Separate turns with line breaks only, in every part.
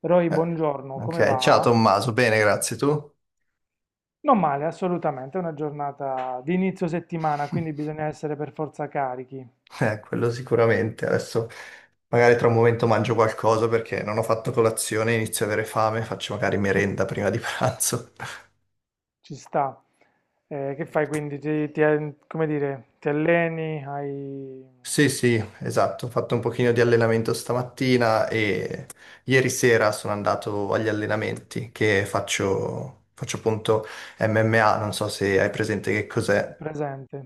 Roy,
Eh,
buongiorno, come
ok, ciao
va?
Tommaso, bene, grazie tu.
Non male, assolutamente, è una giornata di inizio settimana, quindi bisogna essere per forza carichi,
Quello sicuramente. Adesso magari tra un momento mangio qualcosa perché non ho fatto colazione, inizio ad avere fame, faccio magari merenda prima di pranzo.
ci sta. Che fai quindi? Come dire, ti alleni, hai
Sì, sì, esatto, ho fatto un pochino di allenamento stamattina e ieri sera sono andato agli allenamenti che faccio appunto MMA, non so se hai presente che cos'è.
presente?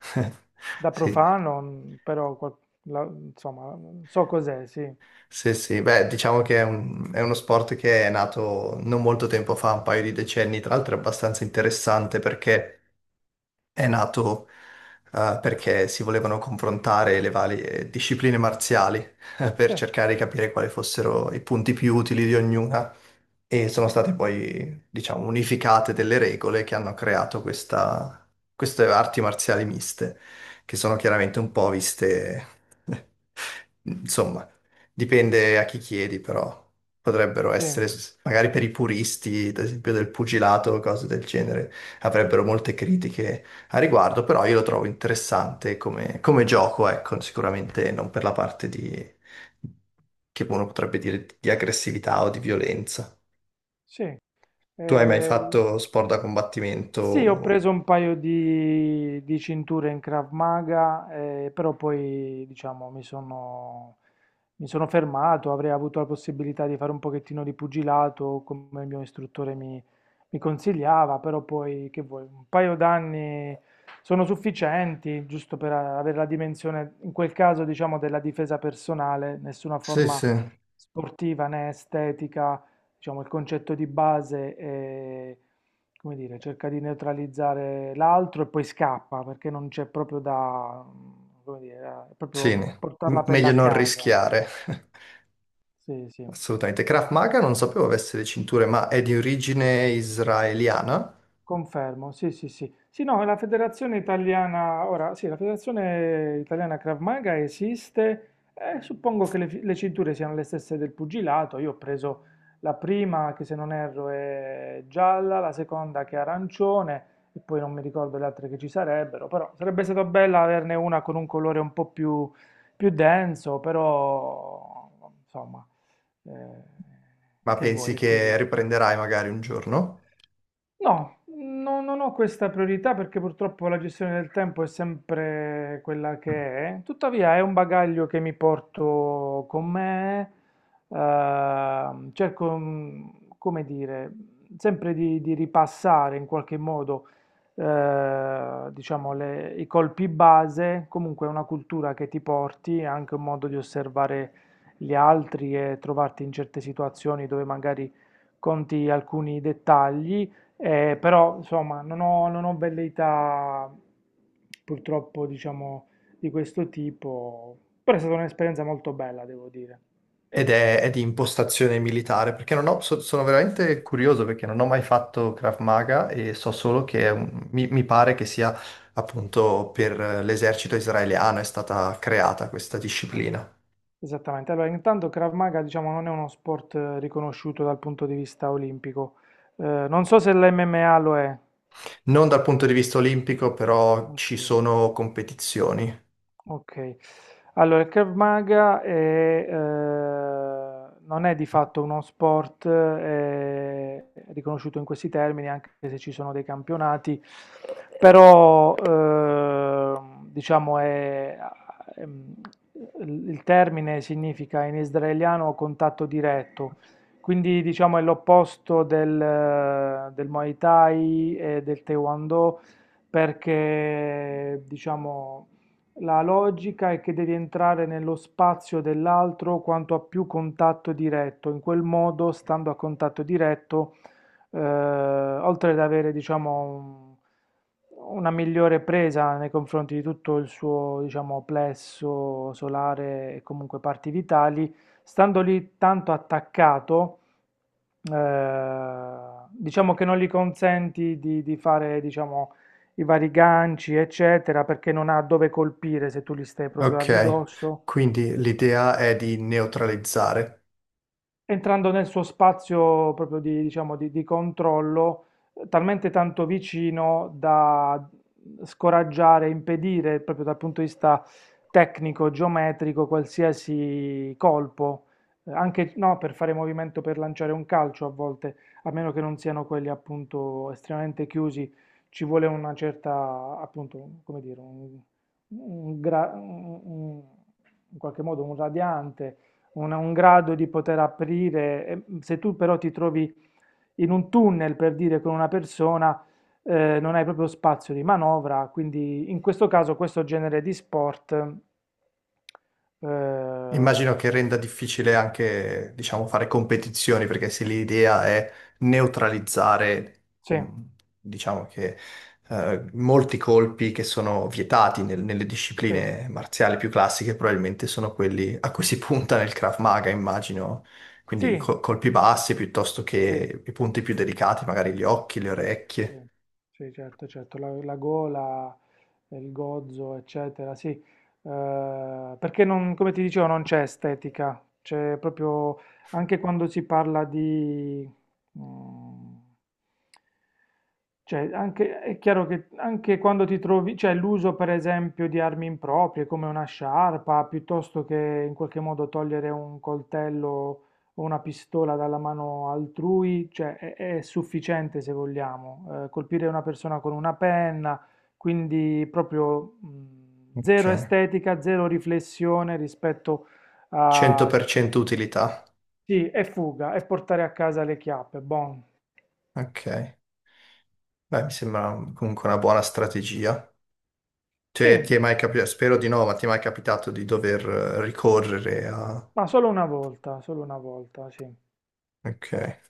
Da
Sì.
profano, mm, però insomma, so cos'è, sì.
Sì, sì, beh, diciamo che è uno sport che è nato non molto tempo fa, un paio di decenni, tra l'altro è abbastanza interessante perché è nato perché si volevano confrontare le varie discipline marziali, per
Sì,
cercare di capire quali fossero i punti più utili di ognuna, e sono state poi, diciamo, unificate delle regole che hanno creato queste arti marziali miste, che sono chiaramente un po' viste, insomma, dipende a chi chiedi, però potrebbero
sì,
essere, magari per i puristi, ad esempio del pugilato o cose del genere, avrebbero molte critiche a riguardo, però io lo trovo interessante come gioco, ecco, sicuramente non per la parte di, che uno potrebbe dire di aggressività o di violenza.
sì.
Tu hai mai
Eh,
fatto sport da combattimento?
sì, ho preso un paio di cinture in Krav Maga, però poi diciamo mi sono fermato, avrei avuto la possibilità di fare un pochettino di pugilato come il mio istruttore mi consigliava, però poi che vuoi, un paio d'anni sono sufficienti giusto per avere la dimensione, in quel caso diciamo della difesa personale, nessuna
Sì,
forma
sì.
sportiva né estetica, diciamo il concetto di base. Come dire, cerca di neutralizzare l'altro e poi scappa perché non c'è proprio da, mm, come dire, è
Sì,
proprio portare la pelle
meglio
a
non
casa.
rischiare.
Sì, sì.
Assolutamente. Krav Maga non sapevo avesse le cinture, ma è di origine israeliana.
Confermo, sì, sì, sì. Sì, no, la Federazione Italiana, ora, sì, la Federazione Italiana Krav Maga esiste, suppongo che le cinture siano le stesse del pugilato. Io ho preso la prima che, se non erro, è gialla, la seconda che è arancione, e poi non mi ricordo le altre che ci sarebbero, però sarebbe stato bello averne una con un colore un po' più, più denso. Però insomma, eh,
Ma
che
pensi
vuoi, è
che
così.
riprenderai magari un giorno?
No, non ho questa priorità, perché purtroppo la gestione del tempo è sempre quella che è. Tuttavia è un bagaglio che mi porto con me. Cerco, mm, come dire, sempre di ripassare in qualche modo, diciamo, i colpi base. Comunque è una cultura che ti porti, è anche un modo di osservare gli altri e trovarti in certe situazioni dove magari conti alcuni dettagli. Però insomma non ho velleità, purtroppo, diciamo, di questo tipo, però è stata un'esperienza molto bella, devo dire.
Ed è di impostazione militare, perché non ho- so- sono veramente curioso perché non ho mai fatto Krav Maga e so solo che mi pare che sia appunto per l'esercito israeliano è stata creata questa
Mm. Sì.
disciplina.
Esattamente, allora intanto Krav Maga, diciamo, non è uno sport, riconosciuto dal punto di vista olimpico. Non so se l'MMA lo è.
Non dal punto di vista olimpico, però
Ok.
ci sono competizioni.
Ok, allora il Krav Maga è, non è di fatto uno sport, è riconosciuto in questi termini, anche se ci sono dei campionati, però diciamo è, ehm, il termine significa in israeliano contatto diretto, quindi diciamo è l'opposto del Muay Thai e del Taekwondo, perché diciamo la logica è che devi entrare nello spazio dell'altro quanto a più contatto diretto. In quel modo, stando a contatto diretto, oltre ad avere, diciamo, una migliore presa nei confronti di tutto il suo, diciamo, plesso solare e comunque parti vitali, stando lì tanto attaccato, diciamo che non gli consenti di fare, diciamo, i vari ganci, eccetera, perché non ha dove colpire se tu gli stai proprio a
Ok,
ridosso.
quindi l'idea è di neutralizzare.
Entrando nel suo spazio proprio di, diciamo, di controllo, talmente tanto vicino da scoraggiare, impedire proprio dal punto di vista tecnico, geometrico, qualsiasi colpo. Eh, anche no, per fare movimento per lanciare un calcio a volte, a meno che non siano quelli appunto estremamente chiusi, ci vuole una certa, appunto, come dire, un, un gra- un- un- in qualche modo un radiante, un grado di poter aprire. E, mm, se tu però ti trovi in un tunnel, per dire, con una persona, non hai proprio spazio di manovra, quindi in questo caso questo genere di sport,
Immagino
eh,
che renda difficile anche, diciamo, fare competizioni, perché se l'idea è neutralizzare,
sì,
mh, diciamo che molti colpi che sono vietati nelle
sì,
discipline marziali più classiche, probabilmente sono quelli a cui si punta nel Krav Maga, immagino. Quindi
sì,
colpi bassi piuttosto
sì.
che i punti più delicati, magari gli occhi, le
Sì, sì,
orecchie.
sì, certo, certo, la gola, il gozzo, eccetera, sì. Perché non, come ti dicevo, non c'è estetica, c'è proprio, anche quando si parla di, mm, cioè, anche, è chiaro che anche quando ti trovi, cioè l'uso per esempio di armi improprie come una sciarpa, piuttosto che in qualche modo togliere un coltello o una pistola dalla mano altrui, cioè è sufficiente, se vogliamo, colpire una persona con una penna, quindi proprio zero
Ok.
estetica, zero riflessione rispetto a...
100% utilità.
Sì, è fuga, è portare a casa le chiappe, buon.
Ok, beh, mi sembra comunque una buona strategia.
Sì,
Cioè, ti è mai capitato, spero di no, ma ti è mai capitato di dover ricorrere a...
ma solo una volta, sì.
Ok.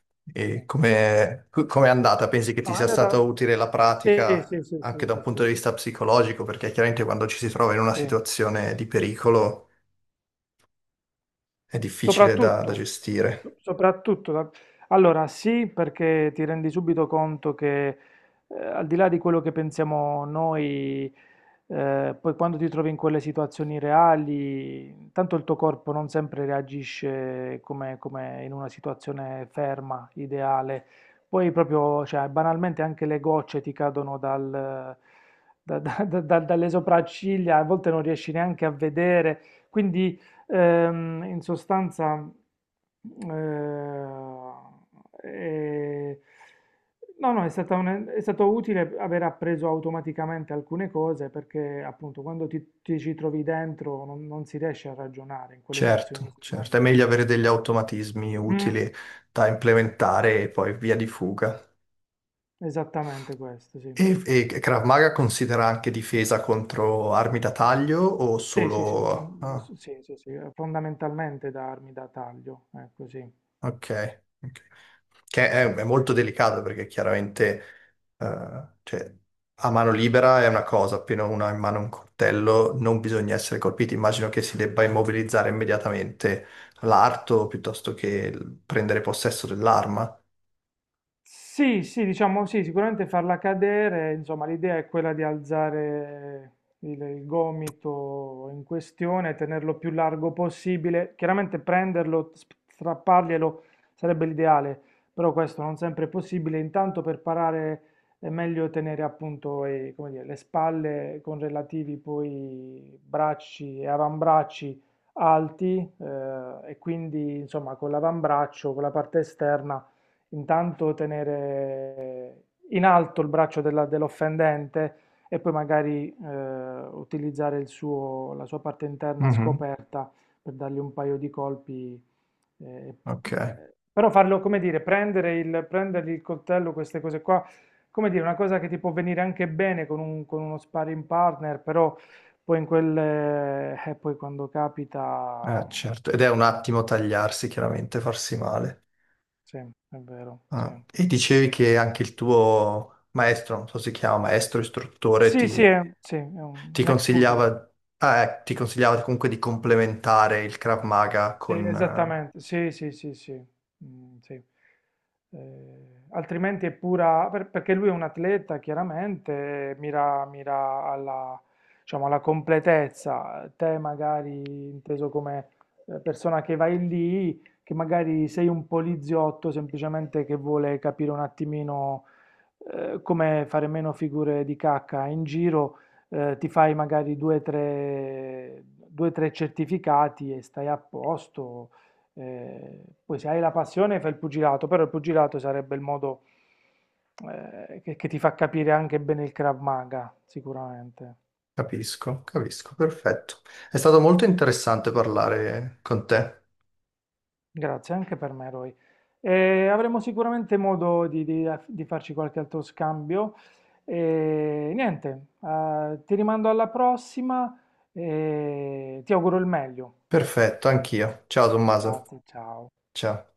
Sì.
E come è andata? Pensi che ti
No, è
sia
andata...
stata utile la
Sì,
pratica
sì, sì,
anche
sì,
da un
sì, sì.
punto di vista psicologico? Perché chiaramente quando ci si trova in una
Sì.
situazione di pericolo è difficile da
Soprattutto,
gestire.
soprattutto, allora sì, perché ti rendi subito conto che al di là di quello che pensiamo noi, poi quando ti trovi in quelle situazioni reali, tanto il tuo corpo non sempre reagisce come, come in una situazione ferma, ideale. Poi proprio, cioè, banalmente anche le gocce ti cadono dalle sopracciglia, a volte non riesci neanche a vedere, quindi... in sostanza, eh, eh, no, no, è stata è stato utile aver appreso automaticamente alcune cose, perché appunto quando ti ci trovi dentro non, non si riesce a ragionare in quelle frazioni di
Certo, certo, è
secondo.
meglio avere degli automatismi
Mm,
utili da implementare e poi via di fuga.
esattamente questo, sì.
E Krav Maga considera anche difesa contro armi da taglio o
Sì, sì, sì,
solo...
fon-
ah.
sì, sì, sì, fondamentalmente da armi da taglio, ecco sì.
Ok. Ok, che è molto delicato perché chiaramente cioè, a mano libera è una cosa, appena uno ha in mano un coltello non bisogna essere colpiti. Immagino che si debba immobilizzare immediatamente l'arto piuttosto che prendere possesso dell'arma.
Sì, sì, diciamo sì, sicuramente farla cadere, insomma, l'idea è quella di alzare il gomito in questione, tenerlo più largo possibile. Chiaramente prenderlo, strapparglielo sarebbe l'ideale, però questo non sempre è possibile. Intanto per parare è meglio tenere, appunto, come dire, le spalle con relativi poi bracci e avambracci alti, e quindi insomma con l'avambraccio, con la parte esterna, intanto tenere in alto il braccio dell'offendente, e poi magari utilizzare la sua parte interna
Mhm.
scoperta per dargli un paio di colpi. Eh,
Ok,
però farlo, come dire, prendere prendergli il coltello, queste cose qua, come dire, una cosa che ti può venire anche bene con, con uno sparring partner, però poi in quelle, poi quando capita,
certo. Ed è un attimo tagliarsi, chiaramente, farsi male.
sì, è vero, sì.
Ah, e dicevi che anche il tuo maestro, non so se si chiama maestro, istruttore,
Sì,
ti...
sì, è
Ti
un ex pugile.
consigliava, ti consigliava comunque di complementare il Krav Maga
Sì,
con...
esattamente, sì, sì, sì, sì. Mm, sì. Altrimenti è pura, perché lui è un atleta, chiaramente, mira, mira alla, diciamo, alla completezza. Te magari, inteso come persona che vai lì, che magari sei un poliziotto semplicemente che vuole capire un attimino, come fare meno figure di cacca in giro, ti fai magari due, tre certificati e stai a posto. Eh, poi se hai la passione fai il pugilato, però il pugilato sarebbe il modo che ti fa capire anche bene il Krav Maga, sicuramente.
capisco, capisco, perfetto. È stato molto interessante parlare con te.
Grazie anche per me, Roy. Avremo sicuramente modo di farci qualche altro scambio. E niente, ti rimando alla prossima e ti auguro il meglio.
Perfetto, anch'io. Ciao Tommaso.
Grazie, ciao.
Ciao.